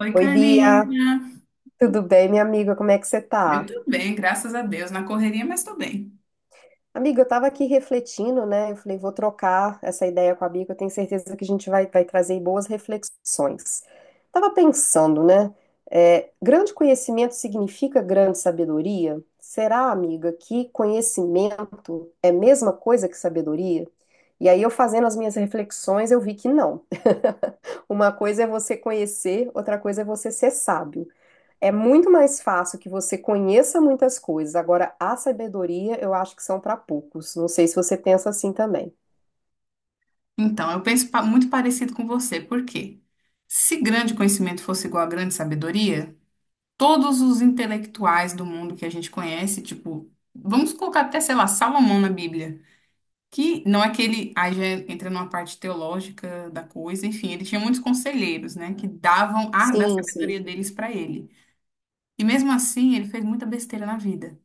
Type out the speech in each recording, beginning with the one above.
Oi, Oi, Bia, Karina. tudo bem, minha amiga? Como é que você Eu tá? tô bem, graças a Deus, na correria, mas tô bem. Amiga, eu tava aqui refletindo, né? Eu falei, vou trocar essa ideia com a Bia, que eu tenho certeza que a gente vai trazer boas reflexões. Tava pensando, né? Grande conhecimento significa grande sabedoria? Será, amiga, que conhecimento é a mesma coisa que sabedoria? E aí, eu fazendo as minhas reflexões, eu vi que não. Uma coisa é você conhecer, outra coisa é você ser sábio. É muito mais fácil que você conheça muitas coisas. Agora, a sabedoria eu acho que são para poucos. Não sei se você pensa assim também. Então, eu penso muito parecido com você, por quê? Se grande conhecimento fosse igual a grande sabedoria, todos os intelectuais do mundo que a gente conhece, tipo, vamos colocar até, sei lá, Salomão na Bíblia, que não é aquele, aí já entra numa parte teológica da coisa, enfim, ele tinha muitos conselheiros, né, que davam a da Sim, sim. sabedoria deles pra ele. E mesmo assim, ele fez muita besteira na vida.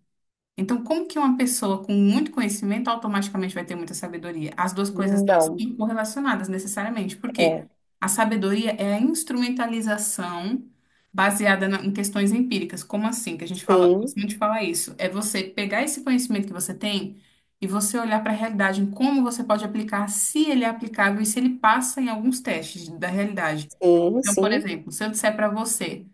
Então, como que uma pessoa com muito conhecimento automaticamente vai ter muita sabedoria? As duas coisas não Não. estão correlacionadas necessariamente, porque É. a sabedoria é a instrumentalização baseada em questões empíricas. Como assim? Que a gente fala, gosto Sim, muito de falar isso. É você pegar esse conhecimento que você tem e você olhar para a realidade, em como você pode aplicar, se ele é aplicável e se ele passa em alguns testes da realidade. sim, Então, por sim. exemplo, se eu disser para você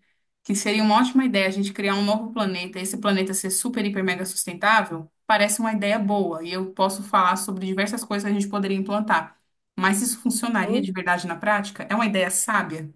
que seria uma ótima ideia a gente criar um novo planeta, esse planeta ser super, hiper, mega sustentável, parece uma ideia boa e eu posso falar sobre diversas coisas que a gente poderia implantar. Mas isso funcionaria de Sim. verdade na prática? É uma ideia sábia?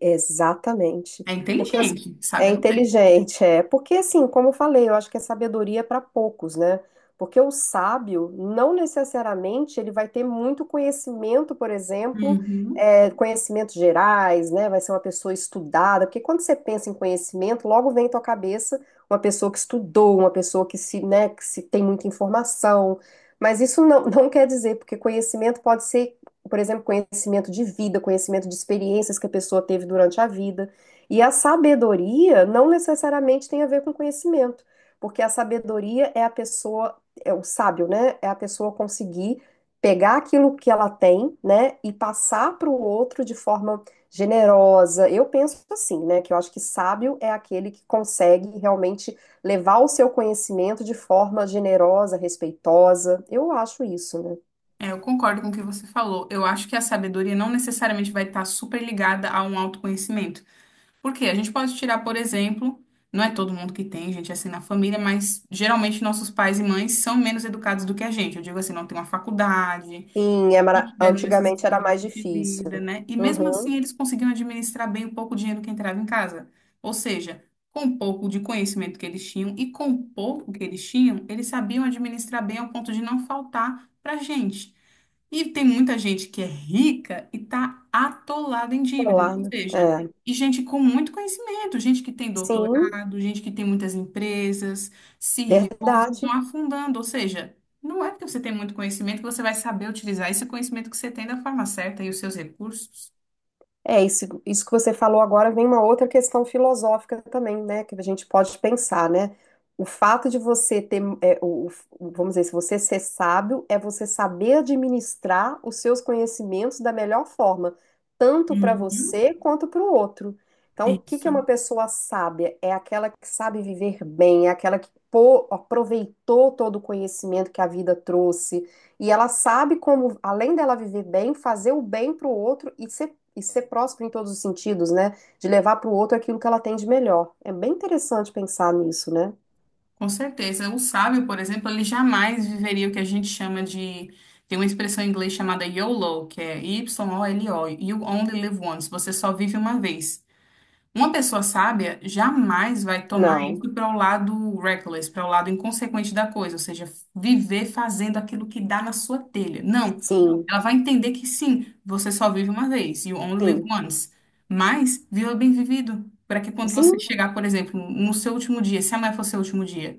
Exatamente. É Porque as- inteligente, É sábia não é? inteligente, é. Porque assim, como eu falei, eu acho que é sabedoria para poucos, né? Porque o sábio não necessariamente ele vai ter muito conhecimento, por exemplo, Uhum. Conhecimentos gerais, né? Vai ser uma pessoa estudada, porque quando você pensa em conhecimento, logo vem à tua cabeça uma pessoa que estudou, uma pessoa que se, né, que se tem muita informação. Mas isso não, não quer dizer, porque conhecimento pode ser, por exemplo, conhecimento de vida, conhecimento de experiências que a pessoa teve durante a vida. E a sabedoria não necessariamente tem a ver com conhecimento, porque a sabedoria é a pessoa, é o sábio, né? É a pessoa conseguir pegar aquilo que ela tem, né, e passar para o outro de forma generosa. Eu penso assim, né, que eu acho que sábio é aquele que consegue realmente levar o seu conhecimento de forma generosa, respeitosa. Eu acho isso, né? É, eu concordo com o que você falou. Eu acho que a sabedoria não necessariamente vai estar super ligada a um autoconhecimento. Porque a gente pode tirar, por exemplo, não é todo mundo que tem gente é assim na família, mas geralmente nossos pais e mães são menos educados do que a gente. Eu digo assim, não tem uma faculdade, Sim, não tiveram essas antigamente era mais experiências de difícil. vida, né? E mesmo Uhum. assim eles conseguiam administrar bem o pouco dinheiro que entrava em casa. Ou seja, com o pouco de conhecimento que eles tinham e com o pouco que eles tinham, eles sabiam administrar bem ao ponto de não faltar para gente. E tem muita gente que é rica e está atolada em dívidas, ou Alarme. seja, É. e gente com muito conhecimento, gente que tem Sim, doutorado, gente que tem muitas empresas, CEOs, verdade. estão afundando, ou seja, não é porque você tem muito conhecimento que você vai saber utilizar esse conhecimento que você tem da forma certa e os seus recursos. É, isso que você falou agora vem uma outra questão filosófica também, né? Que a gente pode pensar, né? O fato de você ter, vamos dizer, se você ser sábio, é você saber administrar os seus conhecimentos da melhor forma, tanto para Uhum. você quanto para o outro. Então, o que que Isso, é uma pessoa sábia? É aquela que sabe viver bem, é aquela que aproveitou todo o conhecimento que a vida trouxe. E ela sabe como, além dela viver bem, fazer o bem para o outro e ser próspero em todos os sentidos, né? De levar para o outro aquilo que ela tem de melhor. É bem interessante pensar nisso, né? com certeza. O sábio, por exemplo, ele jamais viveria o que a gente chama de. Tem uma expressão em inglês chamada YOLO, que é Y-O-L-O, You Only Live Once, você só vive uma vez. Uma pessoa sábia jamais vai tomar Não, isso para o lado reckless, para o lado inconsequente da coisa, ou seja, viver fazendo aquilo que dá na sua telha. Não, sim, ela vai entender que sim, você só vive uma vez, you only live sim, once. Mas viva bem vivido, para que quando você sim, chegar, por exemplo, no seu último dia, se amanhã for seu último dia,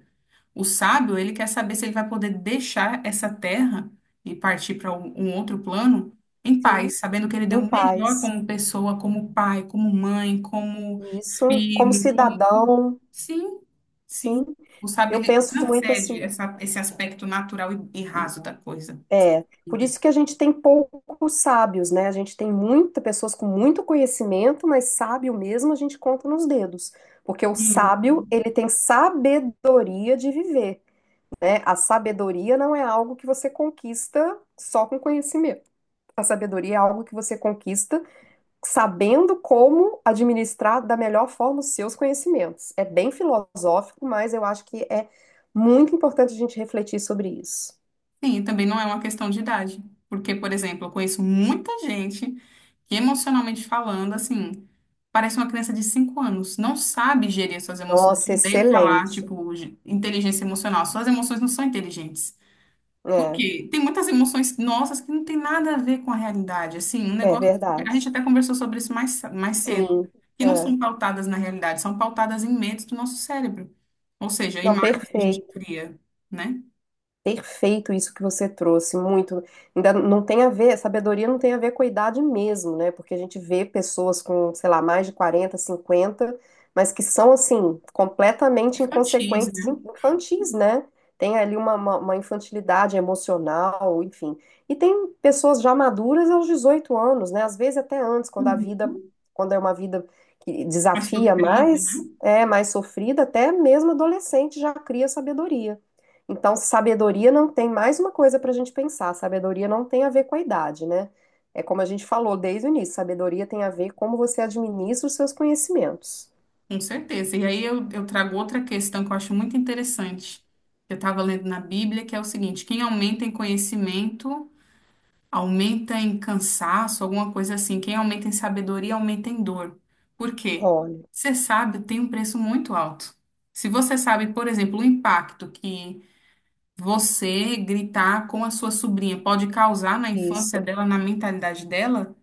o sábio, ele quer saber se ele vai poder deixar essa terra e partir para um outro plano em sim, paz, sabendo que ele deu em o melhor paz. como pessoa, como pai, como mãe, como Isso, como filho, como... cidadão, Sim, sim, sim. O sábio, eu ele não penso muito cede assim. essa, esse aspecto natural e raso da coisa. É, por Vida. isso que a gente tem poucos sábios, né? A gente tem muitas pessoas com muito conhecimento, mas sábio mesmo a gente conta nos dedos. Porque o Hum. sábio, ele tem sabedoria de viver. A sabedoria não é algo que você conquista só com conhecimento. A sabedoria é algo que você conquista sabendo como administrar da melhor forma os seus conhecimentos. É bem filosófico, mas eu acho que é muito importante a gente refletir sobre isso. Sim, também não é uma questão de idade. Porque, por exemplo, eu conheço muita gente que, emocionalmente falando, assim, parece uma criança de 5 anos, não sabe gerir as suas emoções. Eu Nossa, odeio falar, excelente. tipo, de inteligência emocional. Suas emoções não são inteligentes. Por É, quê? Tem muitas emoções nossas que não tem nada a ver com a realidade. Assim, um é negócio. A gente verdade. até conversou sobre isso mais, mais cedo. Sim, Que não é. são pautadas na realidade, são pautadas em medos do nosso cérebro. Ou seja, Não, imagens que a gente perfeito. cria, né? Perfeito isso que você trouxe, muito. Ainda não tem a ver, sabedoria não tem a ver com a idade mesmo, né? Porque a gente vê pessoas com, sei lá, mais de 40 50, mas que são, assim, completamente Infantis, inconsequentes, né? infantis, né? Tem ali uma infantilidade emocional, enfim. E tem pessoas já maduras aos 18 anos, né? Às vezes até antes, Uhum. quando é uma vida que Mais desafia sofrido, né? mais, é mais sofrida, até mesmo adolescente já cria sabedoria. Então, sabedoria não tem mais uma coisa para a gente pensar. Sabedoria não tem a ver com a idade, né? É como a gente falou desde o início, sabedoria tem a ver como você administra os seus conhecimentos. Com certeza. E aí eu trago outra questão que eu acho muito interessante, que eu estava lendo na Bíblia, que é o seguinte: quem aumenta em conhecimento, aumenta em cansaço, alguma coisa assim. Quem aumenta em sabedoria, aumenta em dor. Por quê? Olha, Ser sábio tem um preço muito alto. Se você sabe, por exemplo, o impacto que você gritar com a sua sobrinha pode causar na infância isso. dela, na mentalidade dela,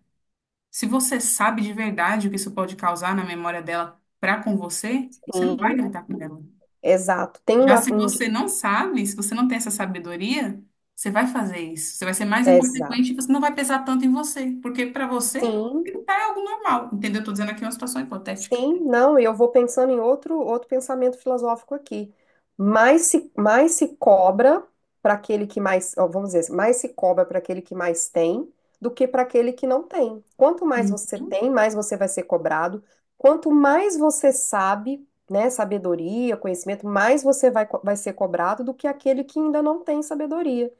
se você sabe de verdade o que isso pode causar na memória dela para com você, você não vai Sim, gritar com ela. exato. Tem Já se você não sabe, se você não tem essa sabedoria, você vai fazer isso. Você vai ser mais exato. inconsequente e você não vai pesar tanto em você, porque para você Sim, gritar é algo normal, entendeu? Estou dizendo aqui uma situação hipotética. Sim, não, e eu vou pensando em outro pensamento filosófico aqui. Mais se cobra para aquele que mais, ó, vamos dizer, assim, mais se cobra para aquele que mais tem do que para aquele que não tem. Quanto mais você Uhum. tem, mais você vai ser cobrado. Quanto mais você sabe, né, sabedoria, conhecimento, mais você vai ser cobrado do que aquele que ainda não tem sabedoria.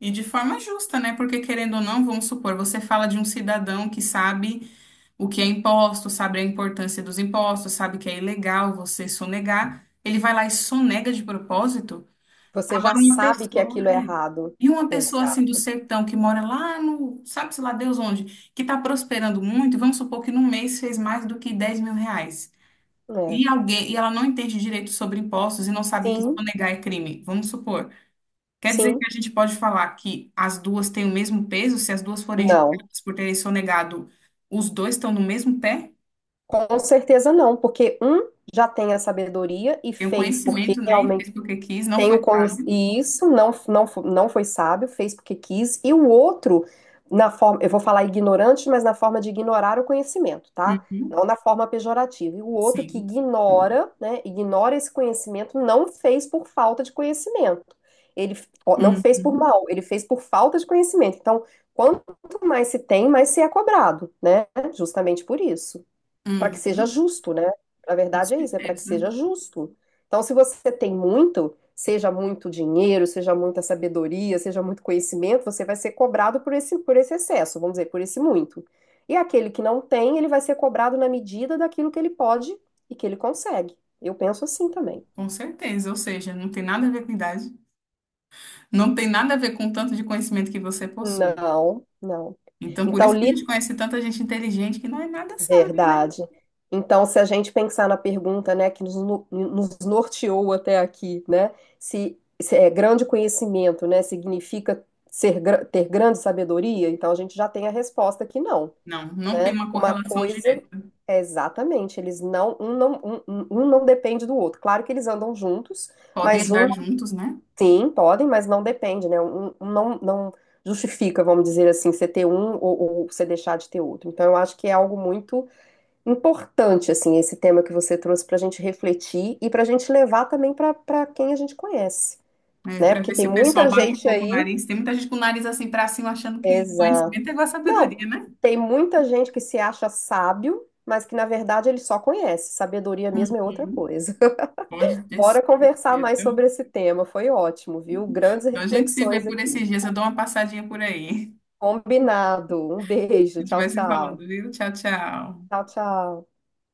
E de forma justa, né? Porque querendo ou não, vamos supor, você fala de um cidadão que sabe o que é imposto, sabe a importância dos impostos, sabe que é ilegal você sonegar, ele vai lá e sonega de propósito. Você já Agora uma sabe que pessoa, aquilo é é. errado. E uma pessoa assim do Exato. sertão que mora lá no, sabe-se lá Deus onde, que está prosperando muito, e vamos supor que num mês fez mais do que 10 mil reais. É. E alguém, e ela não entende direito sobre impostos e não sabe que Sim, sonegar é crime. Vamos supor. Quer dizer que sim, a gente pode falar que as duas têm o mesmo peso se as duas forem não. julgadas por terem sonegado, os dois estão no mesmo pé? Com certeza não, porque um já tem a sabedoria e Tem o fez porque conhecimento, né? E fez realmente porque quis, não tem o foi con- sábio. e isso não foi sábio, fez porque quis, e o outro na forma, eu vou falar ignorante, mas na forma de ignorar o conhecimento, tá? Uhum, Não na forma pejorativa. E o outro que sim. ignora, né, ignora esse conhecimento, não fez por falta de conhecimento. Ó, não fez por Uhum, mal, ele fez por falta de conhecimento. Então, quanto mais se tem, mais se é cobrado, né? Justamente por isso, para que seja uhum, justo, né? Na com verdade é isso, é para que certeza. seja justo. Então, se você tem muito, seja muito dinheiro, seja muita sabedoria, seja muito conhecimento, você vai ser cobrado por esse excesso, vamos dizer, por esse muito. E aquele que não tem, ele vai ser cobrado na medida daquilo que ele pode e que ele consegue. Eu penso assim também. Com certeza. Ou seja, não tem nada a ver com idade, não tem nada a ver com o tanto de conhecimento que você possui. Não, não. Então, por Então, isso que a li gente conhece tanta gente inteligente que não é nada sábia, né? verdade. Então, se a gente pensar na pergunta, né, que nos, no- nos norteou até aqui, né, se é grande conhecimento, né, significa ter grande sabedoria, então a gente já tem a resposta que não, Não, não tem né? uma Uma correlação coisa direta. é exatamente, eles não, um não, um- um não depende do outro. Claro que eles andam juntos, Podem mas um andar juntos, né? sim, podem, mas não depende, né? Um não justifica, vamos dizer assim, você ter um ou você deixar de ter outro. Então, eu acho que é algo muito importante, assim, esse tema que você trouxe para a gente refletir e para a gente levar também para quem a gente conhece, É, né? para Porque ver se tem o pessoal muita baixa um gente pouco o aí. nariz. Tem muita gente com o nariz assim para cima, achando que Exato. conhecimento é igual a Não, sabedoria, né? tem muita gente que se acha sábio, mas que na verdade ele só conhece. Sabedoria mesmo é outra Uhum. coisa. Pode ter Bora certeza. conversar mais sobre esse tema. Foi ótimo, viu? Grandes Então a gente se vê reflexões por esses aqui. dias. Eu dou uma passadinha por aí. Combinado. Um beijo. A gente Tchau, vai se tchau. falando, viu? Tchau, tchau. Tchau, tchau.